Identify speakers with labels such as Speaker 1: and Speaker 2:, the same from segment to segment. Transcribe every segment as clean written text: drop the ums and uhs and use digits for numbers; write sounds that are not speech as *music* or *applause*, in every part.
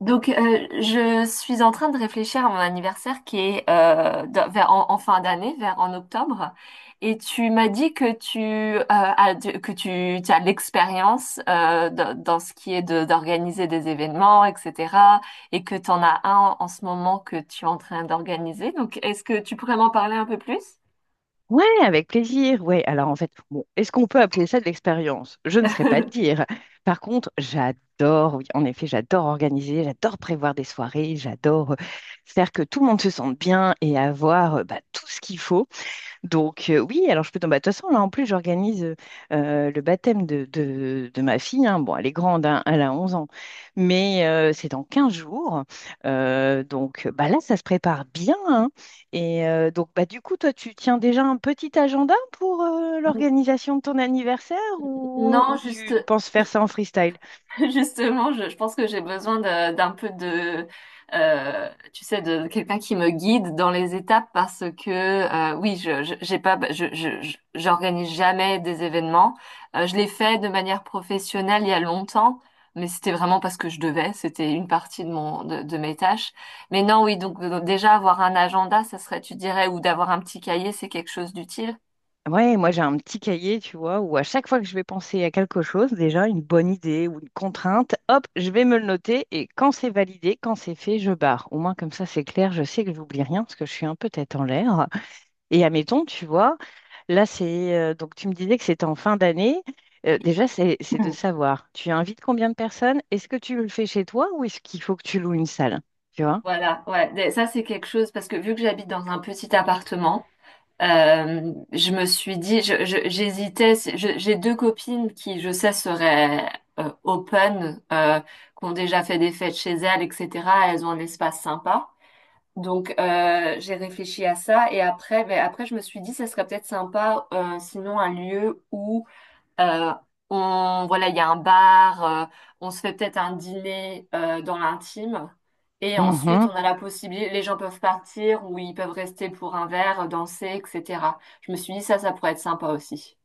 Speaker 1: Je suis en train de réfléchir à mon anniversaire qui est vers, en fin d'année, vers en octobre. Et tu m'as dit que tu as, que tu as de l'expérience dans ce qui est d'organiser des événements, etc. Et que tu en as un en ce moment que tu es en train d'organiser. Donc, est-ce que tu pourrais m'en parler un peu plus?
Speaker 2: Ouais, avec plaisir. Ouais, alors en fait, bon, est-ce qu'on peut appeler ça de l'expérience? Je ne saurais pas te dire. Par contre, j'adore, oui, en effet, j'adore organiser, j'adore prévoir des soirées, j'adore faire que tout le monde se sente bien et avoir bah, tout ce qu'il faut. Donc, oui, alors je peux tomber. De toute façon, là, en plus, j'organise le baptême de ma fille, hein. Bon, elle est grande, hein, elle a 11 ans, mais c'est dans 15 jours. Donc, bah, là, ça se prépare bien, hein. Et donc, bah, du coup, toi, tu tiens déjà un petit agenda pour
Speaker 1: *laughs*
Speaker 2: l'organisation de ton anniversaire ou,
Speaker 1: Non,
Speaker 2: ou
Speaker 1: juste,
Speaker 2: tu penses faire ça en freestyle?
Speaker 1: *laughs* justement, je pense que j'ai besoin d'un peu de, tu sais, de quelqu'un qui me guide dans les étapes parce que, oui, j'ai pas, j'organise jamais des événements. Je l'ai fait de manière professionnelle il y a longtemps, mais c'était vraiment parce que je devais. C'était une partie de de mes tâches. Mais non, oui, donc déjà avoir un agenda, ça serait, tu dirais, ou d'avoir un petit cahier, c'est quelque chose d'utile.
Speaker 2: Ouais, moi j'ai un petit cahier, tu vois, où à chaque fois que je vais penser à quelque chose, déjà une bonne idée ou une contrainte, hop, je vais me le noter et quand c'est validé, quand c'est fait, je barre. Au moins comme ça c'est clair, je sais que j'oublie rien parce que je suis un peu tête en l'air. Et admettons, tu vois, là c'est donc tu me disais que c'était en fin d'année. Déjà c'est de savoir, tu invites combien de personnes? Est-ce que tu le fais chez toi ou est-ce qu'il faut que tu loues une salle? Tu vois?
Speaker 1: Voilà, ouais, des- ça c'est quelque chose parce que vu que j'habite dans un petit appartement, je me suis dit, j'hésitais, j'ai deux copines qui, je sais, seraient open, qui ont déjà fait des fêtes chez elles, etc. Elles ont un espace sympa. Donc j'ai réfléchi à ça et après, ben, après je me suis dit, ça serait peut-être sympa, sinon un lieu où euh, on, voilà, il y a un bar, on se fait peut-être un dîner dans l'intime. Et ensuite, on a la possibilité, les gens peuvent partir ou ils peuvent rester pour un verre, danser, etc. Je me suis dit, ça pourrait être sympa aussi.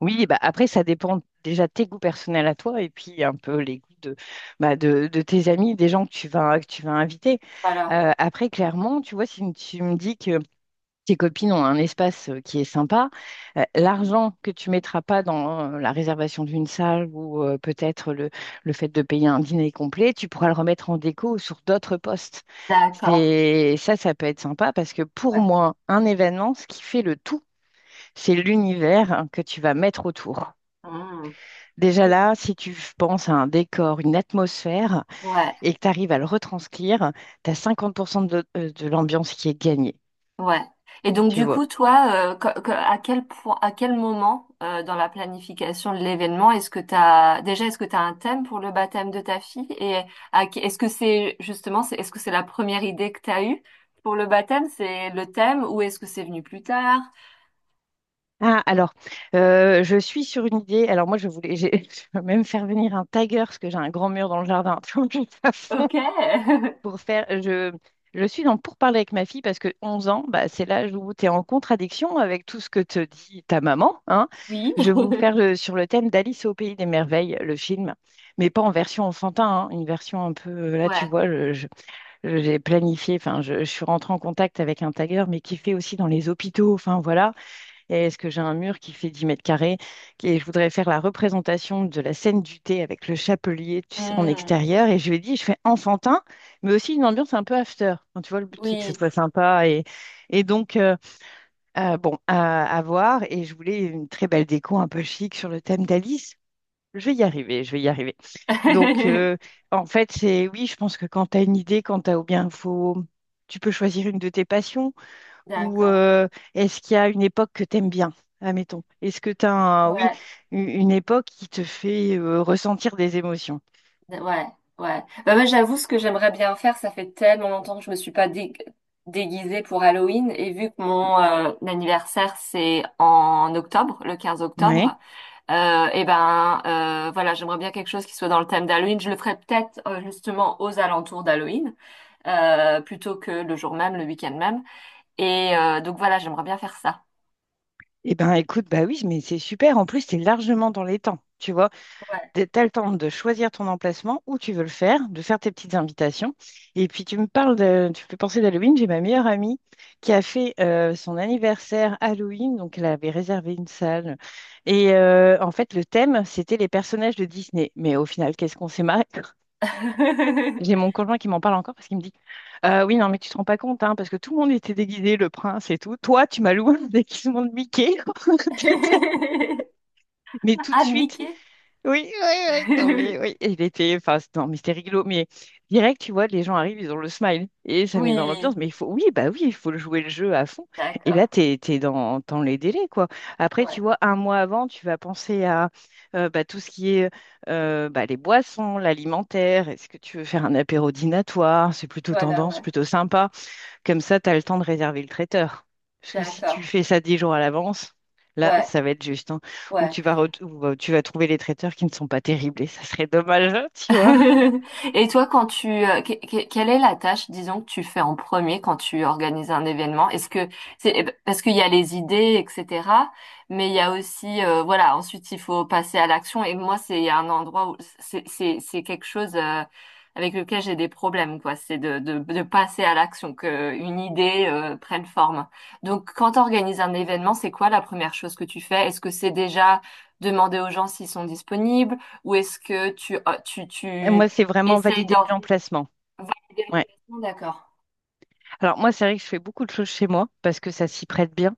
Speaker 2: Oui, bah après, ça dépend déjà de tes goûts personnels à toi et puis un peu les goûts bah, de tes amis, des gens que tu vas inviter.
Speaker 1: Voilà.
Speaker 2: Après, clairement, tu vois, si tu me dis que tes copines ont un espace qui est sympa, l'argent que tu mettras pas dans la réservation d'une salle ou peut-être le fait de payer un dîner complet, tu pourras le remettre en déco sur d'autres postes.
Speaker 1: D'accord.
Speaker 2: C'est, ça peut être sympa parce que pour
Speaker 1: Ouais.
Speaker 2: moi, un événement, ce qui fait le tout, c'est l'univers que tu vas mettre autour.
Speaker 1: Mmh.
Speaker 2: Déjà là, si tu penses à un décor, une atmosphère,
Speaker 1: Ouais.
Speaker 2: et que tu arrives à le retranscrire, tu as 50% de l'ambiance qui est gagnée,
Speaker 1: Ouais. Et donc
Speaker 2: tu
Speaker 1: du
Speaker 2: vois.
Speaker 1: coup, toi, à quel point, à quel moment dans la planification de l'événement, est-ce que t'as un thème pour le baptême de ta fille? Et est-ce que c'est justement, est-ce que c'est la première idée que t'as eue pour le baptême, c'est le thème, ou est-ce que c'est venu plus tard?
Speaker 2: Ah, alors, je suis sur une idée. Alors moi, je voulais, *laughs* je veux même faire venir un tiger, parce que j'ai un grand mur dans le jardin. *laughs* Tu vois, je vais pas
Speaker 1: Ok.
Speaker 2: pour
Speaker 1: *laughs*
Speaker 2: faire, je suis dans pour parler avec ma fille parce que 11 ans, bah, c'est l'âge où tu es en contradiction avec tout ce que te dit ta maman, hein.
Speaker 1: Oui.
Speaker 2: Je vais vous
Speaker 1: *laughs*
Speaker 2: faire sur le thème d'Alice au pays des merveilles, le film, mais pas en version enfantin, hein, une version un peu, là tu
Speaker 1: Ouais.
Speaker 2: vois, j'ai planifié, enfin, je suis rentrée en contact avec un tagueur, mais qui fait aussi dans les hôpitaux, enfin voilà. Et est-ce que j'ai un mur qui fait 10 mètres carrés? Et je voudrais faire la représentation de la scène du thé avec le chapelier, tu sais, en
Speaker 1: Hmm.
Speaker 2: extérieur. Et je lui ai dit, je fais enfantin, mais aussi une ambiance un peu after. Enfin, tu vois, le but, c'est que ça
Speaker 1: Oui.
Speaker 2: soit sympa. Et donc, bon, à voir. Et je voulais une très belle déco, un peu chic sur le thème d'Alice. Je vais y arriver, je vais y arriver. Donc,
Speaker 1: *laughs*
Speaker 2: en fait, c'est oui, je pense que quand tu as une idée, quand tu as ou bien faut, tu peux choisir une de tes passions. Ou
Speaker 1: D'accord.
Speaker 2: est-ce qu'il y a une époque que t'aimes bien, admettons? Est-ce que tu as un, oui,
Speaker 1: Ouais.
Speaker 2: une époque qui te fait ressentir des émotions?
Speaker 1: Ouais, ouais. Bah, moi, j'avoue, ce que j'aimerais bien faire, ça fait tellement longtemps que je me suis pas déguisée pour Halloween. Et vu que mon anniversaire, c'est en octobre, le quinze
Speaker 2: Ouais.
Speaker 1: octobre, et ben, voilà, j'aimerais bien quelque chose qui soit dans le thème d'Halloween. Je le ferais peut-être justement aux alentours d'Halloween, plutôt que le jour même, le week-end même. Et donc voilà, j'aimerais bien faire ça.
Speaker 2: Eh ben écoute, bah oui, mais c'est super. En plus, tu es largement dans les temps. Tu vois,
Speaker 1: Ouais.
Speaker 2: tu as le temps de choisir ton emplacement où tu veux le faire, de faire tes petites invitations. Et puis tu me fais penser d'Halloween. J'ai ma meilleure amie qui a fait son anniversaire Halloween, donc elle avait réservé une salle. Et en fait, le thème, c'était les personnages de Disney. Mais au final, qu'est-ce qu'on s'est marré? J'ai mon conjoint qui m'en parle encore parce qu'il me dit oui, non, mais tu te rends pas compte, hein, parce que tout le monde était déguisé, le prince et tout. Toi, tu m'as loué un *laughs* déguisement de Mickey. *laughs*
Speaker 1: *laughs*
Speaker 2: Mais tout de
Speaker 1: Ah,
Speaker 2: suite,
Speaker 1: Mickey?
Speaker 2: oui, oui, oui, non, mais
Speaker 1: *laughs*
Speaker 2: oui, et il était, enfin, non, mais c'était rigolo, mais direct, tu vois, les gens arrivent, ils ont le smile, et ça met dans
Speaker 1: Oui,
Speaker 2: l'ambiance, mais il faut, oui, bah oui, il faut le jouer le jeu à fond, et
Speaker 1: d'accord.
Speaker 2: là, t'es dans les délais, quoi. Après, tu
Speaker 1: Ouais.
Speaker 2: vois, un mois avant, tu vas penser à bah, tout ce qui est bah, les boissons, l'alimentaire, est-ce que tu veux faire un apéro dînatoire, c'est plutôt
Speaker 1: Voilà,
Speaker 2: tendance,
Speaker 1: ouais.
Speaker 2: plutôt sympa, comme ça, tu as le temps de réserver le traiteur. Parce que si tu
Speaker 1: D'accord.
Speaker 2: fais ça 10 jours à l'avance, là,
Speaker 1: Ouais,
Speaker 2: ça va être juste, hein. Ou
Speaker 1: ouais.
Speaker 2: tu vas, re- ou, euh, tu vas trouver les traiteurs qui ne sont pas terribles et ça serait dommage, hein, tu vois.
Speaker 1: *laughs* Et toi, quand tu, quelle est la tâche, disons, que tu fais en premier quand tu organises un événement? Est-ce que c'est eh ben, parce qu'il y a les idées, etc. Mais il y a aussi, voilà, ensuite il faut passer à l'action. Et moi, c'est un endroit où c'est quelque chose avec lequel j'ai des problèmes, quoi. C'est de passer à l'action, que une idée prenne forme. Donc, quand tu organises un événement, c'est quoi la première chose que tu fais? Est-ce que c'est déjà demander aux gens s'ils sont disponibles? Ou est-ce que
Speaker 2: Et
Speaker 1: tu
Speaker 2: moi, c'est vraiment
Speaker 1: essayes
Speaker 2: valider
Speaker 1: d'en
Speaker 2: l'emplacement.
Speaker 1: valider
Speaker 2: Ouais.
Speaker 1: l'organisation? D'accord.
Speaker 2: Alors moi, c'est vrai que je fais beaucoup de choses chez moi parce que ça s'y prête bien.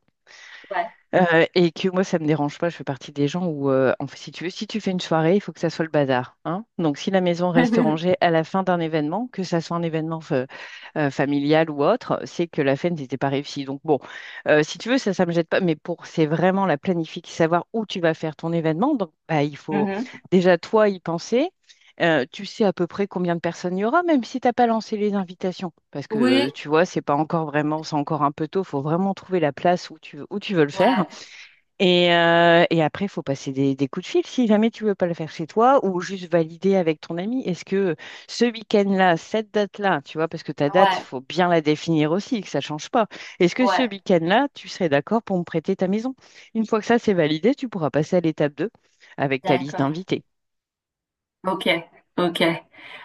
Speaker 1: Ouais.
Speaker 2: Et que moi, ça me dérange pas. Je fais partie des gens où, en fait, si tu veux, si tu fais une soirée, il faut que ça soit le bazar, hein. Donc, si la maison reste rangée
Speaker 1: *laughs*
Speaker 2: à la fin d'un événement, que ça soit un événement familiale ou autre, c'est que la fête n'était pas réussie. Donc bon, si tu veux, ça me jette pas, mais pour, c'est vraiment la planification, savoir où tu vas faire ton événement. Donc bah, il faut
Speaker 1: Mhm.
Speaker 2: déjà toi y penser. Tu sais à peu près combien de personnes il y aura, même si tu n'as pas lancé les invitations. Parce que
Speaker 1: Oui,
Speaker 2: tu vois, c'est pas encore vraiment, c'est encore un peu tôt. Il faut vraiment trouver la place où tu veux le faire.
Speaker 1: ouais,
Speaker 2: Et après, il faut passer des coups de fil si jamais tu veux pas le faire chez toi ou juste valider avec ton ami. Est-ce que ce week-end-là, cette date-là, tu vois, parce que ta date, il
Speaker 1: ouais,
Speaker 2: faut bien la définir aussi, que ça change pas. Est-ce que ce
Speaker 1: ouais.
Speaker 2: week-end-là, tu serais d'accord pour me prêter ta maison? Une fois que ça, c'est validé, tu pourras passer à l'étape 2 avec ta liste
Speaker 1: D'accord.
Speaker 2: d'invités.
Speaker 1: Ok, ok.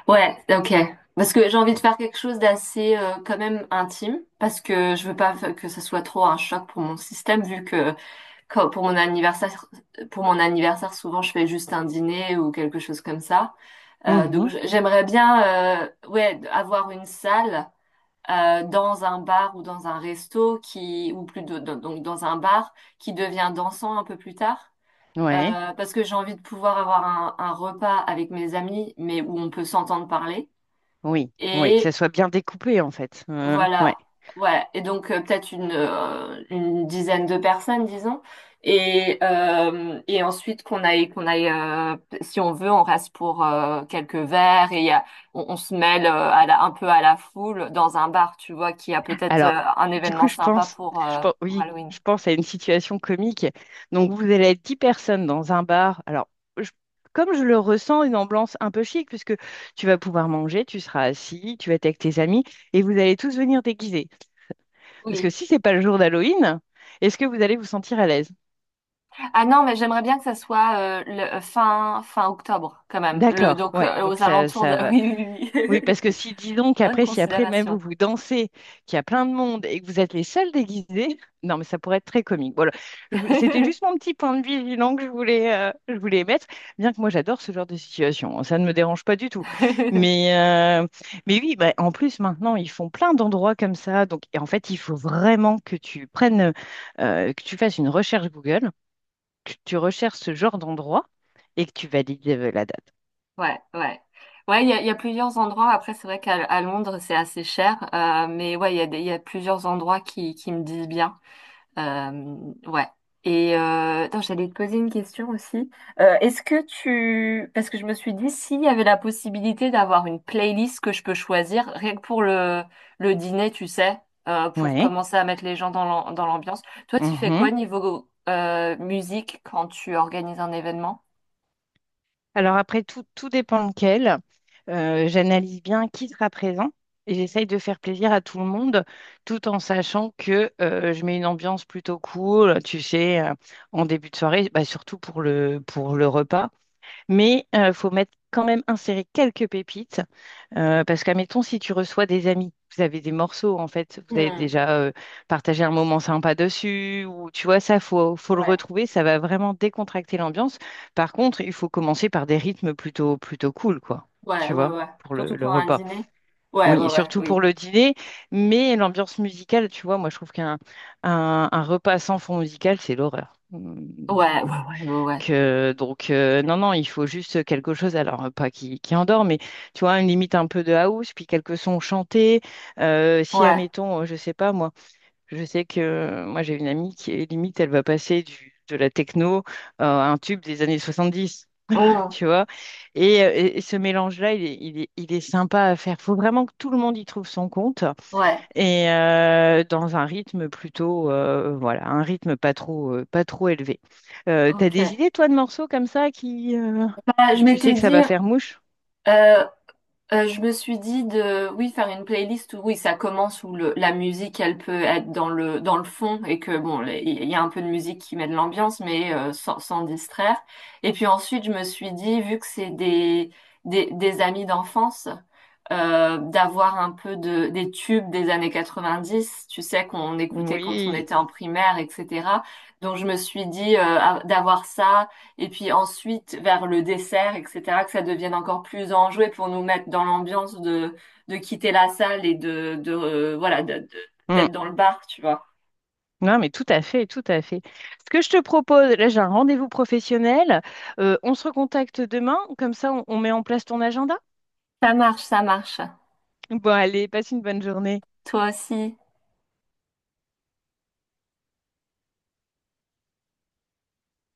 Speaker 1: Ouais, ok. Parce que j'ai envie de faire quelque chose d'assez quand même intime, parce que je veux pas que ce soit trop un choc pour mon système, vu que quand- pour mon anniversaire, pour mon anniversaire, souvent je fais juste un dîner ou quelque chose comme ça. Euh, donc
Speaker 2: Mhm.
Speaker 1: j- j'aimerais bien, ouais, avoir une salle. Dans un bar ou dans un resto qui ou donc dans un bar qui devient dansant un peu plus tard
Speaker 2: Ouais.
Speaker 1: parce que j'ai envie de pouvoir avoir un repas avec mes amis mais où on peut s'entendre parler
Speaker 2: Oui, oui, que ça
Speaker 1: et
Speaker 2: soit bien découpé en fait. Ouais.
Speaker 1: voilà, ouais, et donc peut-être une dizaine de personnes, disons, et ensuite qu'on aille, si on veut, on reste pour quelques verres et on se mêle un peu à la foule dans un bar, tu vois, qui a peut-être
Speaker 2: Alors,
Speaker 1: euh, un
Speaker 2: du
Speaker 1: événement
Speaker 2: coup,
Speaker 1: sympa pour
Speaker 2: oui,
Speaker 1: Halloween.
Speaker 2: je pense à une situation comique. Donc, vous allez être 10 personnes dans un bar. Alors, je- comme je le ressens, une ambiance un peu chic, puisque tu vas pouvoir manger, tu seras assis, tu vas être avec tes amis, et vous allez tous venir déguisés. Parce que
Speaker 1: Oui.
Speaker 2: si c'est pas le jour d'Halloween, est-ce que vous allez vous sentir à l'aise?
Speaker 1: Ah non, mais j'aimerais bien que ça soit fin, fin octobre, quand même, le,
Speaker 2: D'accord,
Speaker 1: donc
Speaker 2: ouais, donc
Speaker 1: aux
Speaker 2: ça,
Speaker 1: alentours de... *laughs*
Speaker 2: ça
Speaker 1: Oui, oui,
Speaker 2: Oui, parce que
Speaker 1: oui.
Speaker 2: si, disons
Speaker 1: *laughs* Bonne
Speaker 2: qu'après, si après même vous
Speaker 1: considération.
Speaker 2: vous dansez, qu'il y a plein de monde et que vous êtes les seuls déguisés, *laughs* non, mais ça pourrait être très comique. Voilà, c'était juste mon
Speaker 1: *laughs*
Speaker 2: petit point de vigilance que je voulais émettre, bien que moi j'adore ce genre de situation, hein, ça ne me dérange pas du tout. Mais, euh, mais oui, bah, en plus maintenant, ils font plein d'endroits comme ça, donc et en fait, il faut vraiment que tu fasses une recherche Google, que tu recherches ce genre d'endroit et que tu valides la date.
Speaker 1: Ouais, ouais. Ouais, il y a plusieurs endroits. Après, c'est vrai qu'à Londres, c'est assez cher. Mais ouais, il y a plusieurs endroits qui me disent bien. Euh, ouais. Et attends, j'allais te poser une question aussi. Est-ce que tu... Parce que je me suis dit, s'il y avait la possibilité d'avoir une playlist que je peux choisir, rien que pour le dîner, tu sais, pour
Speaker 2: Ouais.
Speaker 1: commencer à mettre les gens dans dans l'ambiance. Toi, tu fais quoi niveau musique quand tu organises un événement?
Speaker 2: Alors après, tout dépend lequel. J'analyse bien qui sera présent et j'essaye de faire plaisir à tout le monde tout en sachant que je mets une ambiance plutôt cool, tu sais, en début de soirée, bah, surtout pour le, repas. Mais il faut mettre quand même insérer quelques pépites parce qu'admettons, si tu reçois des amis, vous avez des morceaux, en fait, vous avez
Speaker 1: Hmm,
Speaker 2: déjà partagé un moment sympa dessus, ou tu vois, ça, faut le
Speaker 1: ouais.
Speaker 2: retrouver, ça va vraiment décontracter l'ambiance. Par contre, il faut commencer par des rythmes plutôt, plutôt cool, quoi,
Speaker 1: Ouais,
Speaker 2: tu
Speaker 1: ouais,
Speaker 2: vois,
Speaker 1: ouais.
Speaker 2: pour le,
Speaker 1: Surtout
Speaker 2: le
Speaker 1: pour un
Speaker 2: repas.
Speaker 1: dîner. Ouais,
Speaker 2: Oui,
Speaker 1: ouais,
Speaker 2: et
Speaker 1: ouais,
Speaker 2: surtout
Speaker 1: oui.
Speaker 2: pour le dîner, mais l'ambiance musicale, tu vois, moi, je trouve qu'un repas sans fond musical, c'est l'horreur. Mmh
Speaker 1: Ouais, ouais, ouais, ouais, ouais.
Speaker 2: donc non, non, il faut juste quelque chose, alors pas qui endort, mais tu vois, une limite un peu de house, puis quelques sons chantés. Si,
Speaker 1: Ouais.
Speaker 2: admettons, je sais pas, moi, je sais que moi j'ai une amie qui est limite, elle va passer de la techno à un tube des années 70,
Speaker 1: Oh.
Speaker 2: tu vois. Et ce mélange-là, il est sympa à faire. Faut vraiment que tout le monde y trouve son compte
Speaker 1: Ouais,
Speaker 2: et dans un rythme plutôt, voilà, un rythme pas trop élevé. T'as
Speaker 1: ok.
Speaker 2: des idées, toi, de morceaux comme ça qui,
Speaker 1: Bah, je
Speaker 2: tu sais
Speaker 1: m'étais
Speaker 2: que ça
Speaker 1: dit,
Speaker 2: va faire mouche?
Speaker 1: euh, je me suis dit de, oui, faire une playlist où, oui, ça commence où la musique, elle peut être dans dans le fond et que, bon, il y a un peu de musique qui met de l'ambiance, mais sans distraire. Et puis ensuite, je me suis dit, vu que c'est des amis d'enfance, d'avoir un peu de, des tubes des années 90 tu sais, qu'on écoutait quand on
Speaker 2: Oui.
Speaker 1: était en primaire, etc. Donc, je me suis dit, d'avoir ça et puis ensuite, vers le dessert, etc., que ça devienne encore plus enjoué pour nous mettre dans l'ambiance de quitter la salle et de, voilà, de-
Speaker 2: Mm.
Speaker 1: d'être dans le bar, tu vois.
Speaker 2: Non, mais tout à fait, tout à fait. Ce que je te propose, là, j'ai un rendez-vous professionnel. On se recontacte demain, comme ça, on met en place ton agenda.
Speaker 1: Ça marche, ça marche.
Speaker 2: Bon, allez, passe une bonne journée.
Speaker 1: Toi aussi.